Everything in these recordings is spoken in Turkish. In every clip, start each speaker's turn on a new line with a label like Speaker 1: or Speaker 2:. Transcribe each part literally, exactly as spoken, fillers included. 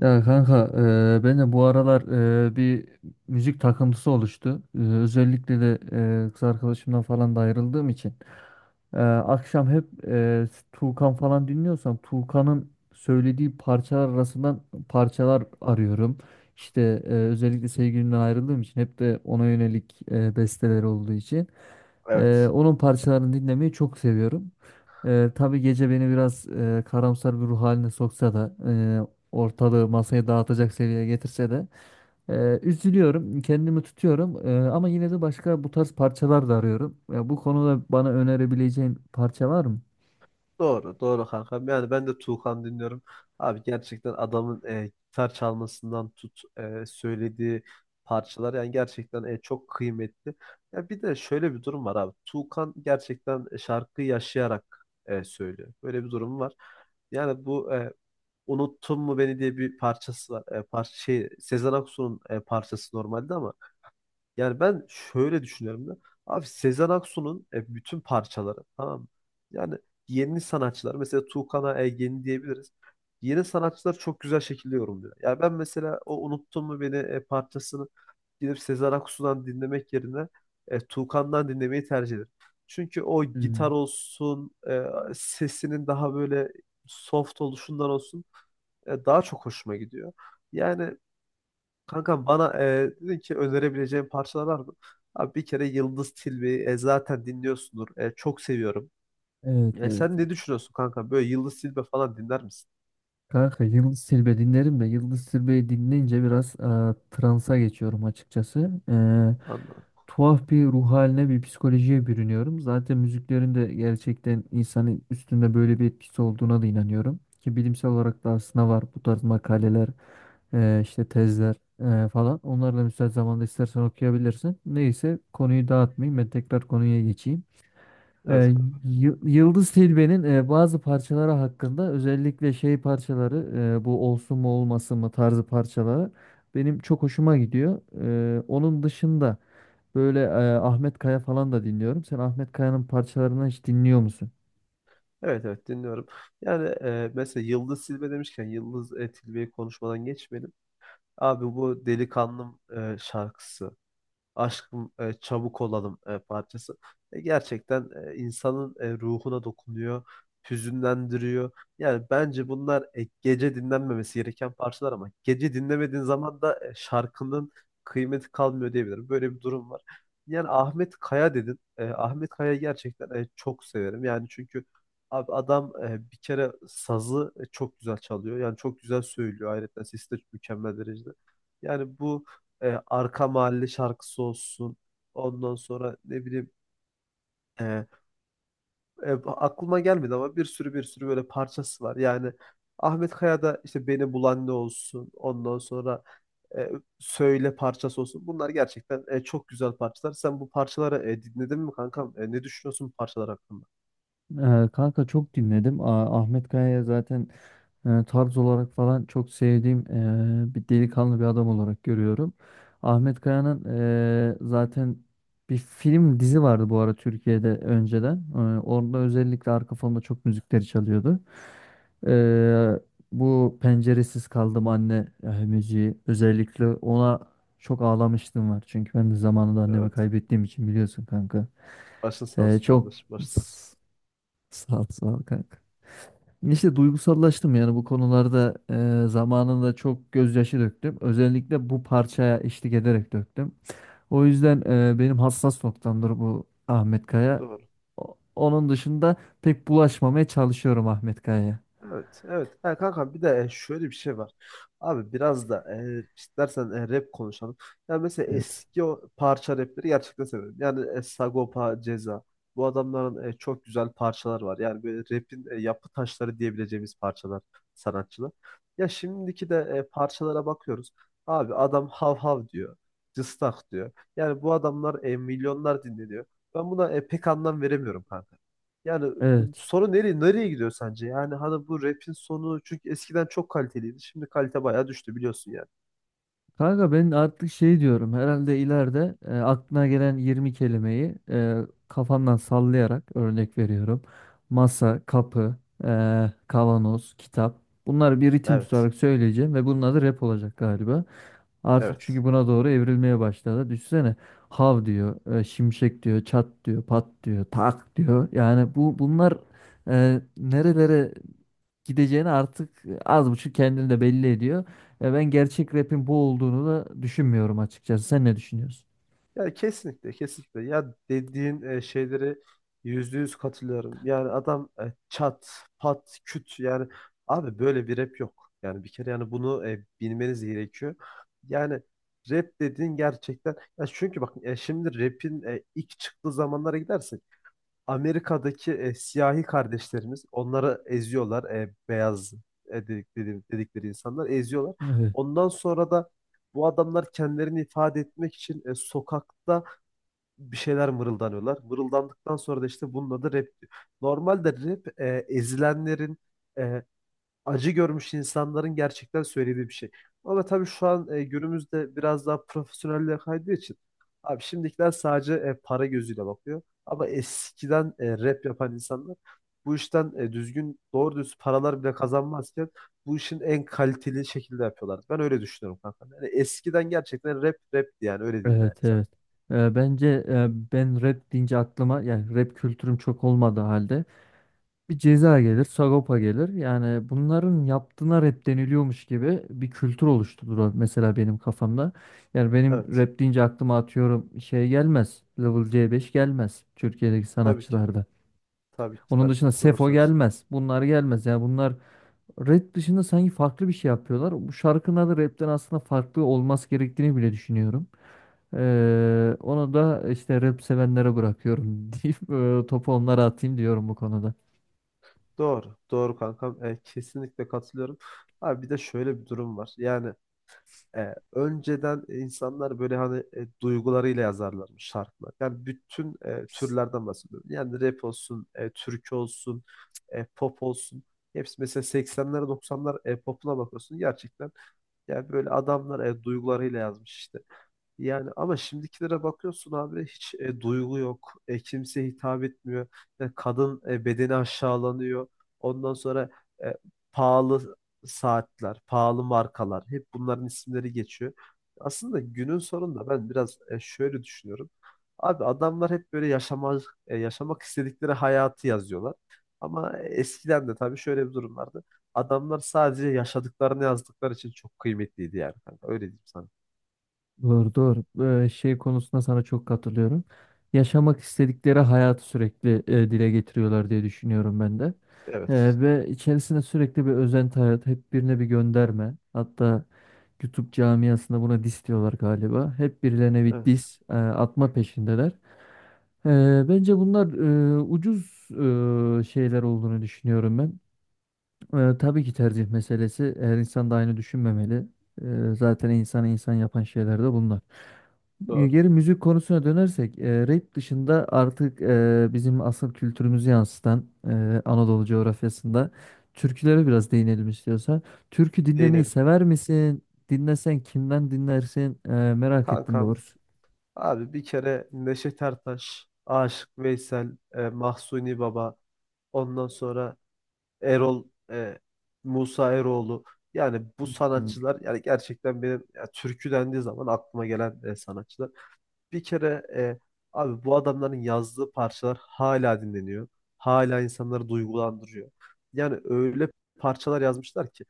Speaker 1: Ya kanka, eee, ben de bu aralar eee, bir müzik takıntısı oluştu. Eee, özellikle de eee, kız arkadaşımdan falan da ayrıldığım için. Eee, akşam hep eee Tuğkan falan dinliyorsam, Tuğkan'ın söylediği parçalar arasından parçalar arıyorum. İşte, eee, özellikle sevgilimden ayrıldığım için hep de ona yönelik eee besteler olduğu için. Eee,
Speaker 2: Evet.
Speaker 1: onun parçalarını dinlemeyi çok seviyorum. Eee tabii gece beni biraz eee, karamsar bir ruh haline soksa da, e, ortalığı masaya dağıtacak seviyeye getirse de, e, üzülüyorum, kendimi tutuyorum, E, ama yine de başka bu tarz parçalar da arıyorum. Ya bu konuda bana önerebileceğin parça var mı?
Speaker 2: Doğru, doğru kankam. Yani ben de Tuğkan dinliyorum. Abi gerçekten adamın e, gitar çalmasından tut e, söylediği parçalar yani gerçekten e, çok kıymetli. Ya bir de şöyle bir durum var abi. Tuğkan gerçekten e, şarkıyı yaşayarak e, söylüyor. Böyle bir durum var. Yani bu e, Unuttun mu beni diye bir parçası var. E, parça şey Sezen Aksu'nun e, parçası normalde ama yani ben şöyle düşünüyorum da. Abi Sezen Aksu'nun e, bütün parçaları tamam mı? Yani yeni sanatçılar mesela Tuğkan'a e, diyebiliriz. Yeni sanatçılar çok güzel şekilde yorumluyor. Yani ben mesela o Unuttun Mu Beni e, parçasını gidip Sezen Aksu'dan dinlemek yerine e, Tuğkan'dan dinlemeyi tercih ederim. Çünkü o gitar
Speaker 1: Hmm.
Speaker 2: olsun, e, sesinin daha böyle soft oluşundan olsun e, daha çok hoşuma gidiyor. Yani kanka, bana e, dedin ki önerebileceğin parçalar var mı? Abi bir kere Yıldız Tilbe'yi e, zaten dinliyorsundur. E, çok seviyorum.
Speaker 1: Evet,
Speaker 2: E,
Speaker 1: evet.
Speaker 2: sen ne düşünüyorsun kanka? Böyle Yıldız Tilbe falan dinler misin?
Speaker 1: Kanka, Yıldız Tilbe dinlerim de Yıldız Tilbe'yi dinleyince biraz e, transa geçiyorum açıkçası. E,
Speaker 2: Anladım.
Speaker 1: tuhaf bir ruh haline, bir psikolojiye bürünüyorum. Zaten müziklerin de gerçekten insanın üstünde böyle bir etkisi olduğuna da inanıyorum. Ki bilimsel olarak da aslında var bu tarz makaleler, e, işte tezler e, falan. Onları da müsait zamanda istersen okuyabilirsin. Neyse, konuyu dağıtmayayım, ben tekrar konuya geçeyim.
Speaker 2: Evet
Speaker 1: E,
Speaker 2: kanka.
Speaker 1: Yı- Yıldız Tilbe'nin e, bazı parçaları hakkında, özellikle şey parçaları, e, bu olsun mu olmasın mı tarzı parçaları benim çok hoşuma gidiyor. E, onun dışında böyle e, Ahmet Kaya falan da dinliyorum. Sen Ahmet Kaya'nın parçalarını hiç dinliyor musun?
Speaker 2: Evet, evet, dinliyorum. Yani e, mesela Yıldız Tilbe demişken Yıldız e, Tilbe'yi konuşmadan geçmeyelim. Abi bu Delikanlım e, şarkısı. Aşkım e, çabuk olalım e, parçası. E, gerçekten e, insanın e, ruhuna dokunuyor, hüzünlendiriyor. Yani bence bunlar e, gece dinlenmemesi gereken parçalar ama gece dinlemediğin zaman da e, şarkının kıymeti kalmıyor diyebilirim. Böyle bir durum var. Yani Ahmet Kaya dedin. E, Ahmet Kaya gerçekten e, çok severim. Yani çünkü abi adam e, bir kere sazı e, çok güzel çalıyor. Yani çok güzel söylüyor. Ayrıca sesi de mükemmel derecede. Yani bu e, arka mahalle şarkısı olsun. Ondan sonra ne bileyim, e, e, aklıma gelmedi ama bir sürü bir sürü böyle parçası var. Yani Ahmet Kaya'da işte Beni Bulan Ne olsun. Ondan sonra e, Söyle parçası olsun. Bunlar gerçekten e, çok güzel parçalar. Sen bu parçaları e, dinledin mi kankam? E, ne düşünüyorsun bu parçalar hakkında?
Speaker 1: Ee, kanka, çok dinledim. A- Ahmet Kaya'ya zaten e, tarz olarak falan çok sevdiğim e, bir delikanlı, bir adam olarak görüyorum. Ahmet Kaya'nın e, zaten bir film, dizi vardı bu ara Türkiye'de önceden. E, orada özellikle arka fonda çok müzikleri çalıyordu. E, Bu penceresiz kaldım anne e, müziği, özellikle ona çok ağlamıştım var. Çünkü ben de zamanında annemi
Speaker 2: Evet.
Speaker 1: kaybettiğim için biliyorsun kanka.
Speaker 2: Başın sağ
Speaker 1: E,
Speaker 2: olsun
Speaker 1: çok
Speaker 2: kardeşim. Başın sağ olsun.
Speaker 1: sağ ol, sağ ol kanka. İşte, duygusallaştım yani bu konularda, e, zamanında çok gözyaşı döktüm. Özellikle bu parçaya eşlik ederek döktüm. O yüzden e, benim hassas noktamdır bu Ahmet Kaya.
Speaker 2: Doğru.
Speaker 1: O- Onun dışında pek bulaşmamaya çalışıyorum Ahmet Kaya'ya.
Speaker 2: Evet, evet. Ha, kanka bir de e, şöyle bir şey var. Abi biraz da e, istersen e, rap konuşalım. Yani mesela
Speaker 1: Evet.
Speaker 2: eski o parça rapleri gerçekten seviyorum. Yani e, Sagopa, Ceza. Bu adamların e, çok güzel parçalar var. Yani böyle rapin e, yapı taşları diyebileceğimiz parçalar, sanatçılar. Ya şimdiki de e, parçalara bakıyoruz. Abi adam hav hav diyor. Cıstak diyor. Yani bu adamlar e, milyonlar dinleniyor. Ben buna e, pek anlam veremiyorum kanka. Yani bu
Speaker 1: Evet.
Speaker 2: sorun nereye nereye gidiyor sence? Yani hani bu rap'in sonu, çünkü eskiden çok kaliteliydi. Şimdi kalite bayağı düştü biliyorsun yani.
Speaker 1: Kanka, ben artık şey diyorum, herhalde ileride e, aklına gelen yirmi kelimeyi e, kafandan sallayarak örnek veriyorum. Masa, kapı, e, kavanoz, kitap. Bunları bir ritim
Speaker 2: Evet.
Speaker 1: tutarak söyleyeceğim ve bunun adı rap olacak galiba. Artık
Speaker 2: Evet.
Speaker 1: çünkü buna doğru evrilmeye başladı. Düşünsene, hav diyor, e, şimşek diyor, çat diyor, pat diyor, tak diyor. Yani bu, bunlar e, nerelere gideceğini artık az buçuk kendini de belli ediyor. E, ben gerçek rap'in bu olduğunu da düşünmüyorum açıkçası. Sen ne düşünüyorsun?
Speaker 2: Yani kesinlikle, kesinlikle. Ya dediğin e, şeyleri yüzde yüz katılıyorum. Yani adam e, çat, pat, küt, yani abi böyle bir rap yok. Yani bir kere yani bunu e, bilmeniz gerekiyor. Yani rap dediğin gerçekten ya, çünkü bak e, şimdi rap'in e, ilk çıktığı zamanlara gidersen Amerika'daki e, siyahi kardeşlerimiz onları eziyorlar. E, beyaz, e, dedik- dedi- dedikleri insanlar eziyorlar.
Speaker 1: Evet,
Speaker 2: Ondan sonra da bu adamlar kendilerini ifade etmek için e, sokakta bir şeyler mırıldanıyorlar. Mırıldandıktan sonra da işte bunun adı rap diyor. Normalde rap e, ezilenlerin, e, acı görmüş insanların gerçekten söylediği bir şey. Ama tabii şu an e, günümüzde biraz daha profesyonelliğe kaydığı için abi şimdikiler sadece e, para gözüyle bakıyor. Ama eskiden e, rap yapan insanlar bu işten e, düzgün doğru düz paralar bile kazanmazken bu işin en kaliteli şekilde yapıyorlardı. Ben öyle düşünüyorum kanka. Yani eskiden gerçekten rap rapti, yani öyle diyeyim
Speaker 1: evet,
Speaker 2: yani sana.
Speaker 1: evet. E, bence, e, ben rap deyince aklıma, yani rap kültürüm çok olmadığı halde, bir Ceza gelir, Sagopa gelir. Yani bunların yaptığına rap deniliyormuş gibi bir kültür oluşturdu mesela benim kafamda. Yani benim
Speaker 2: Evet.
Speaker 1: rap deyince aklıma atıyorum şey gelmez. Level C beş gelmez Türkiye'deki
Speaker 2: Tabii ki.
Speaker 1: sanatçılarda.
Speaker 2: Tabii ki.
Speaker 1: Onun
Speaker 2: Tabii ki.
Speaker 1: dışında
Speaker 2: Doğru
Speaker 1: Sefo
Speaker 2: söz.
Speaker 1: gelmez. Bunlar gelmez. Yani bunlar rap dışında sanki farklı bir şey yapıyorlar. Bu şarkının adı rapten aslında farklı olması gerektiğini bile düşünüyorum. Ee, onu da işte rap sevenlere bırakıyorum deyip e, topu onlara atayım diyorum bu konuda.
Speaker 2: Doğru. Doğru kankam. E, kesinlikle katılıyorum. Abi bir de şöyle bir durum var. Yani E, önceden insanlar böyle hani e, duygularıyla yazarlarmış şarkılar. Yani bütün e, türlerden bahsediyorum. Yani rap olsun, e, türkü olsun, e, pop olsun. Hepsi mesela seksenler doksanlar e, popuna bakıyorsun gerçekten. Yani böyle adamlar e, duygularıyla yazmış işte. Yani ama şimdikilere bakıyorsun abi hiç e, duygu yok. E, kimseye hitap etmiyor. E, kadın e, bedeni aşağılanıyor. Ondan sonra e, pahalı saatler, pahalı markalar hep bunların isimleri geçiyor. Aslında günün sonunda ben biraz e, şöyle düşünüyorum. Abi adamlar hep böyle yaşamak yaşamak istedikleri hayatı yazıyorlar. Ama eskiden de tabii şöyle bir durum vardı. Adamlar sadece yaşadıklarını yazdıkları için çok kıymetliydi yani. kanka. Öyle diyeyim sana.
Speaker 1: Doğru, doğru. Ee, şey konusunda sana çok katılıyorum. Yaşamak istedikleri hayatı sürekli e, dile getiriyorlar diye düşünüyorum ben de.
Speaker 2: Evet.
Speaker 1: Ee, ve içerisinde sürekli bir özenti hayat, hep birine bir gönderme. Hatta YouTube camiasında buna diss diyorlar galiba. Hep birilerine bir
Speaker 2: Evet.
Speaker 1: diss e, atma peşindeler. Ee, bence bunlar, e, ucuz e, şeyler olduğunu düşünüyorum ben. Ee, tabii ki tercih meselesi. Her insan da aynı düşünmemeli. Ee, zaten insanı insan yapan şeyler de bunlar. Ee,
Speaker 2: Doğru.
Speaker 1: Geri müzik konusuna dönersek, e, rap dışında artık e, bizim asıl kültürümüzü yansıtan e, Anadolu coğrafyasında türkülere biraz değinelim istiyorsan. Türkü dinlemeyi
Speaker 2: Değinelim.
Speaker 1: sever misin? Dinlesen kimden dinlersin? E, merak ettim
Speaker 2: Kankam
Speaker 1: doğrusu.
Speaker 2: abi bir kere Neşet Ertaş, Aşık Veysel, e, Mahsuni Baba, ondan sonra Erol, e, Musa Eroğlu. Yani bu
Speaker 1: Hmm.
Speaker 2: sanatçılar, yani gerçekten benim ya, türkü dendiği zaman aklıma gelen e, sanatçılar. Bir kere e, abi bu adamların yazdığı parçalar hala dinleniyor. Hala insanları duygulandırıyor. Yani öyle parçalar yazmışlar ki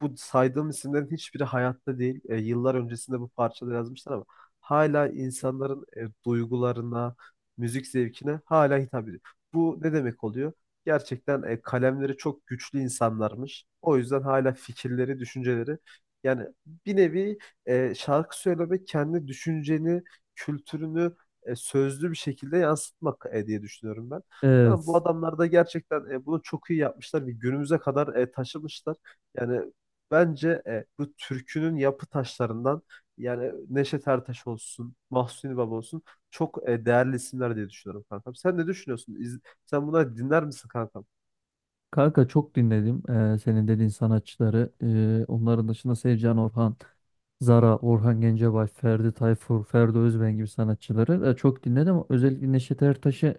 Speaker 2: bu saydığım isimlerin hiçbiri hayatta değil. E, yıllar öncesinde bu parçaları yazmışlar ama hala insanların e, duygularına, müzik zevkine hala hitap ediyor. Bu ne demek oluyor? Gerçekten e, kalemleri çok güçlü insanlarmış. O yüzden hala fikirleri, düşünceleri, yani bir nevi e, şarkı söylemek kendi düşünceni, kültürünü e, sözlü bir şekilde yansıtmak e, diye düşünüyorum ben. Tamam, bu
Speaker 1: Evet.
Speaker 2: adamlar da gerçekten e, bunu çok iyi yapmışlar ve günümüze kadar e, taşımışlar. Yani bence e, bu türkünün yapı taşlarından, yani Neşet Ertaş olsun, Mahsuni Baba olsun çok e, değerli isimler diye düşünüyorum kankam. Sen ne düşünüyorsun? İz- sen bunları dinler misin kankam?
Speaker 1: Kanka, çok dinledim e, senin dediğin sanatçıları. E, onların dışında Sevcan Orhan. Zara, Orhan Gencebay, Ferdi Tayfur, Ferdi Özben gibi sanatçıları e, çok dinledim. Özellikle Neşet Ertaş'ı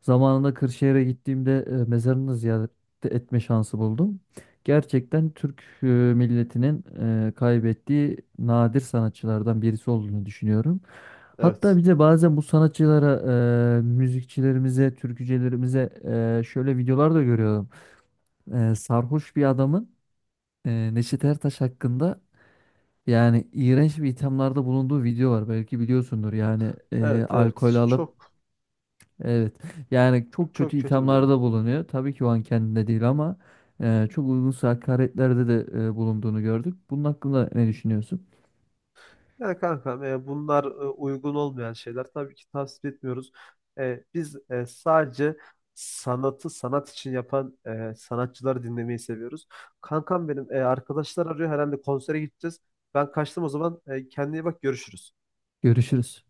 Speaker 1: zamanında Kırşehir'e gittiğimde e, mezarını ziyaret etme şansı buldum. Gerçekten Türk e, milletinin e, kaybettiği nadir sanatçılardan birisi olduğunu düşünüyorum. Hatta
Speaker 2: Evet.
Speaker 1: bir de bazen bu sanatçılara, e, müzikçilerimize, türkücülerimize e, şöyle videolar da görüyorum. E, sarhoş bir adamın e, Neşet Ertaş hakkında yani iğrenç bir ithamlarda bulunduğu video var. Belki biliyorsundur. Yani e,
Speaker 2: Evet,
Speaker 1: alkol
Speaker 2: evet.
Speaker 1: alıp,
Speaker 2: Çok
Speaker 1: evet. Yani çok kötü
Speaker 2: çok kötü bir durum.
Speaker 1: ithamlarda bulunuyor. Tabii ki o an kendinde değil ama e, çok uygunsuz hakaretlerde de e, bulunduğunu gördük. Bunun hakkında ne düşünüyorsun?
Speaker 2: Yani kankam e, bunlar e, uygun olmayan şeyler. Tabii ki tavsiye etmiyoruz. E, biz e, sadece sanatı sanat için yapan e, sanatçıları dinlemeyi seviyoruz. Kankam benim e, arkadaşlar arıyor herhalde, konsere gideceğiz. Ben kaçtım o zaman. E, kendine iyi bak, görüşürüz.
Speaker 1: Görüşürüz.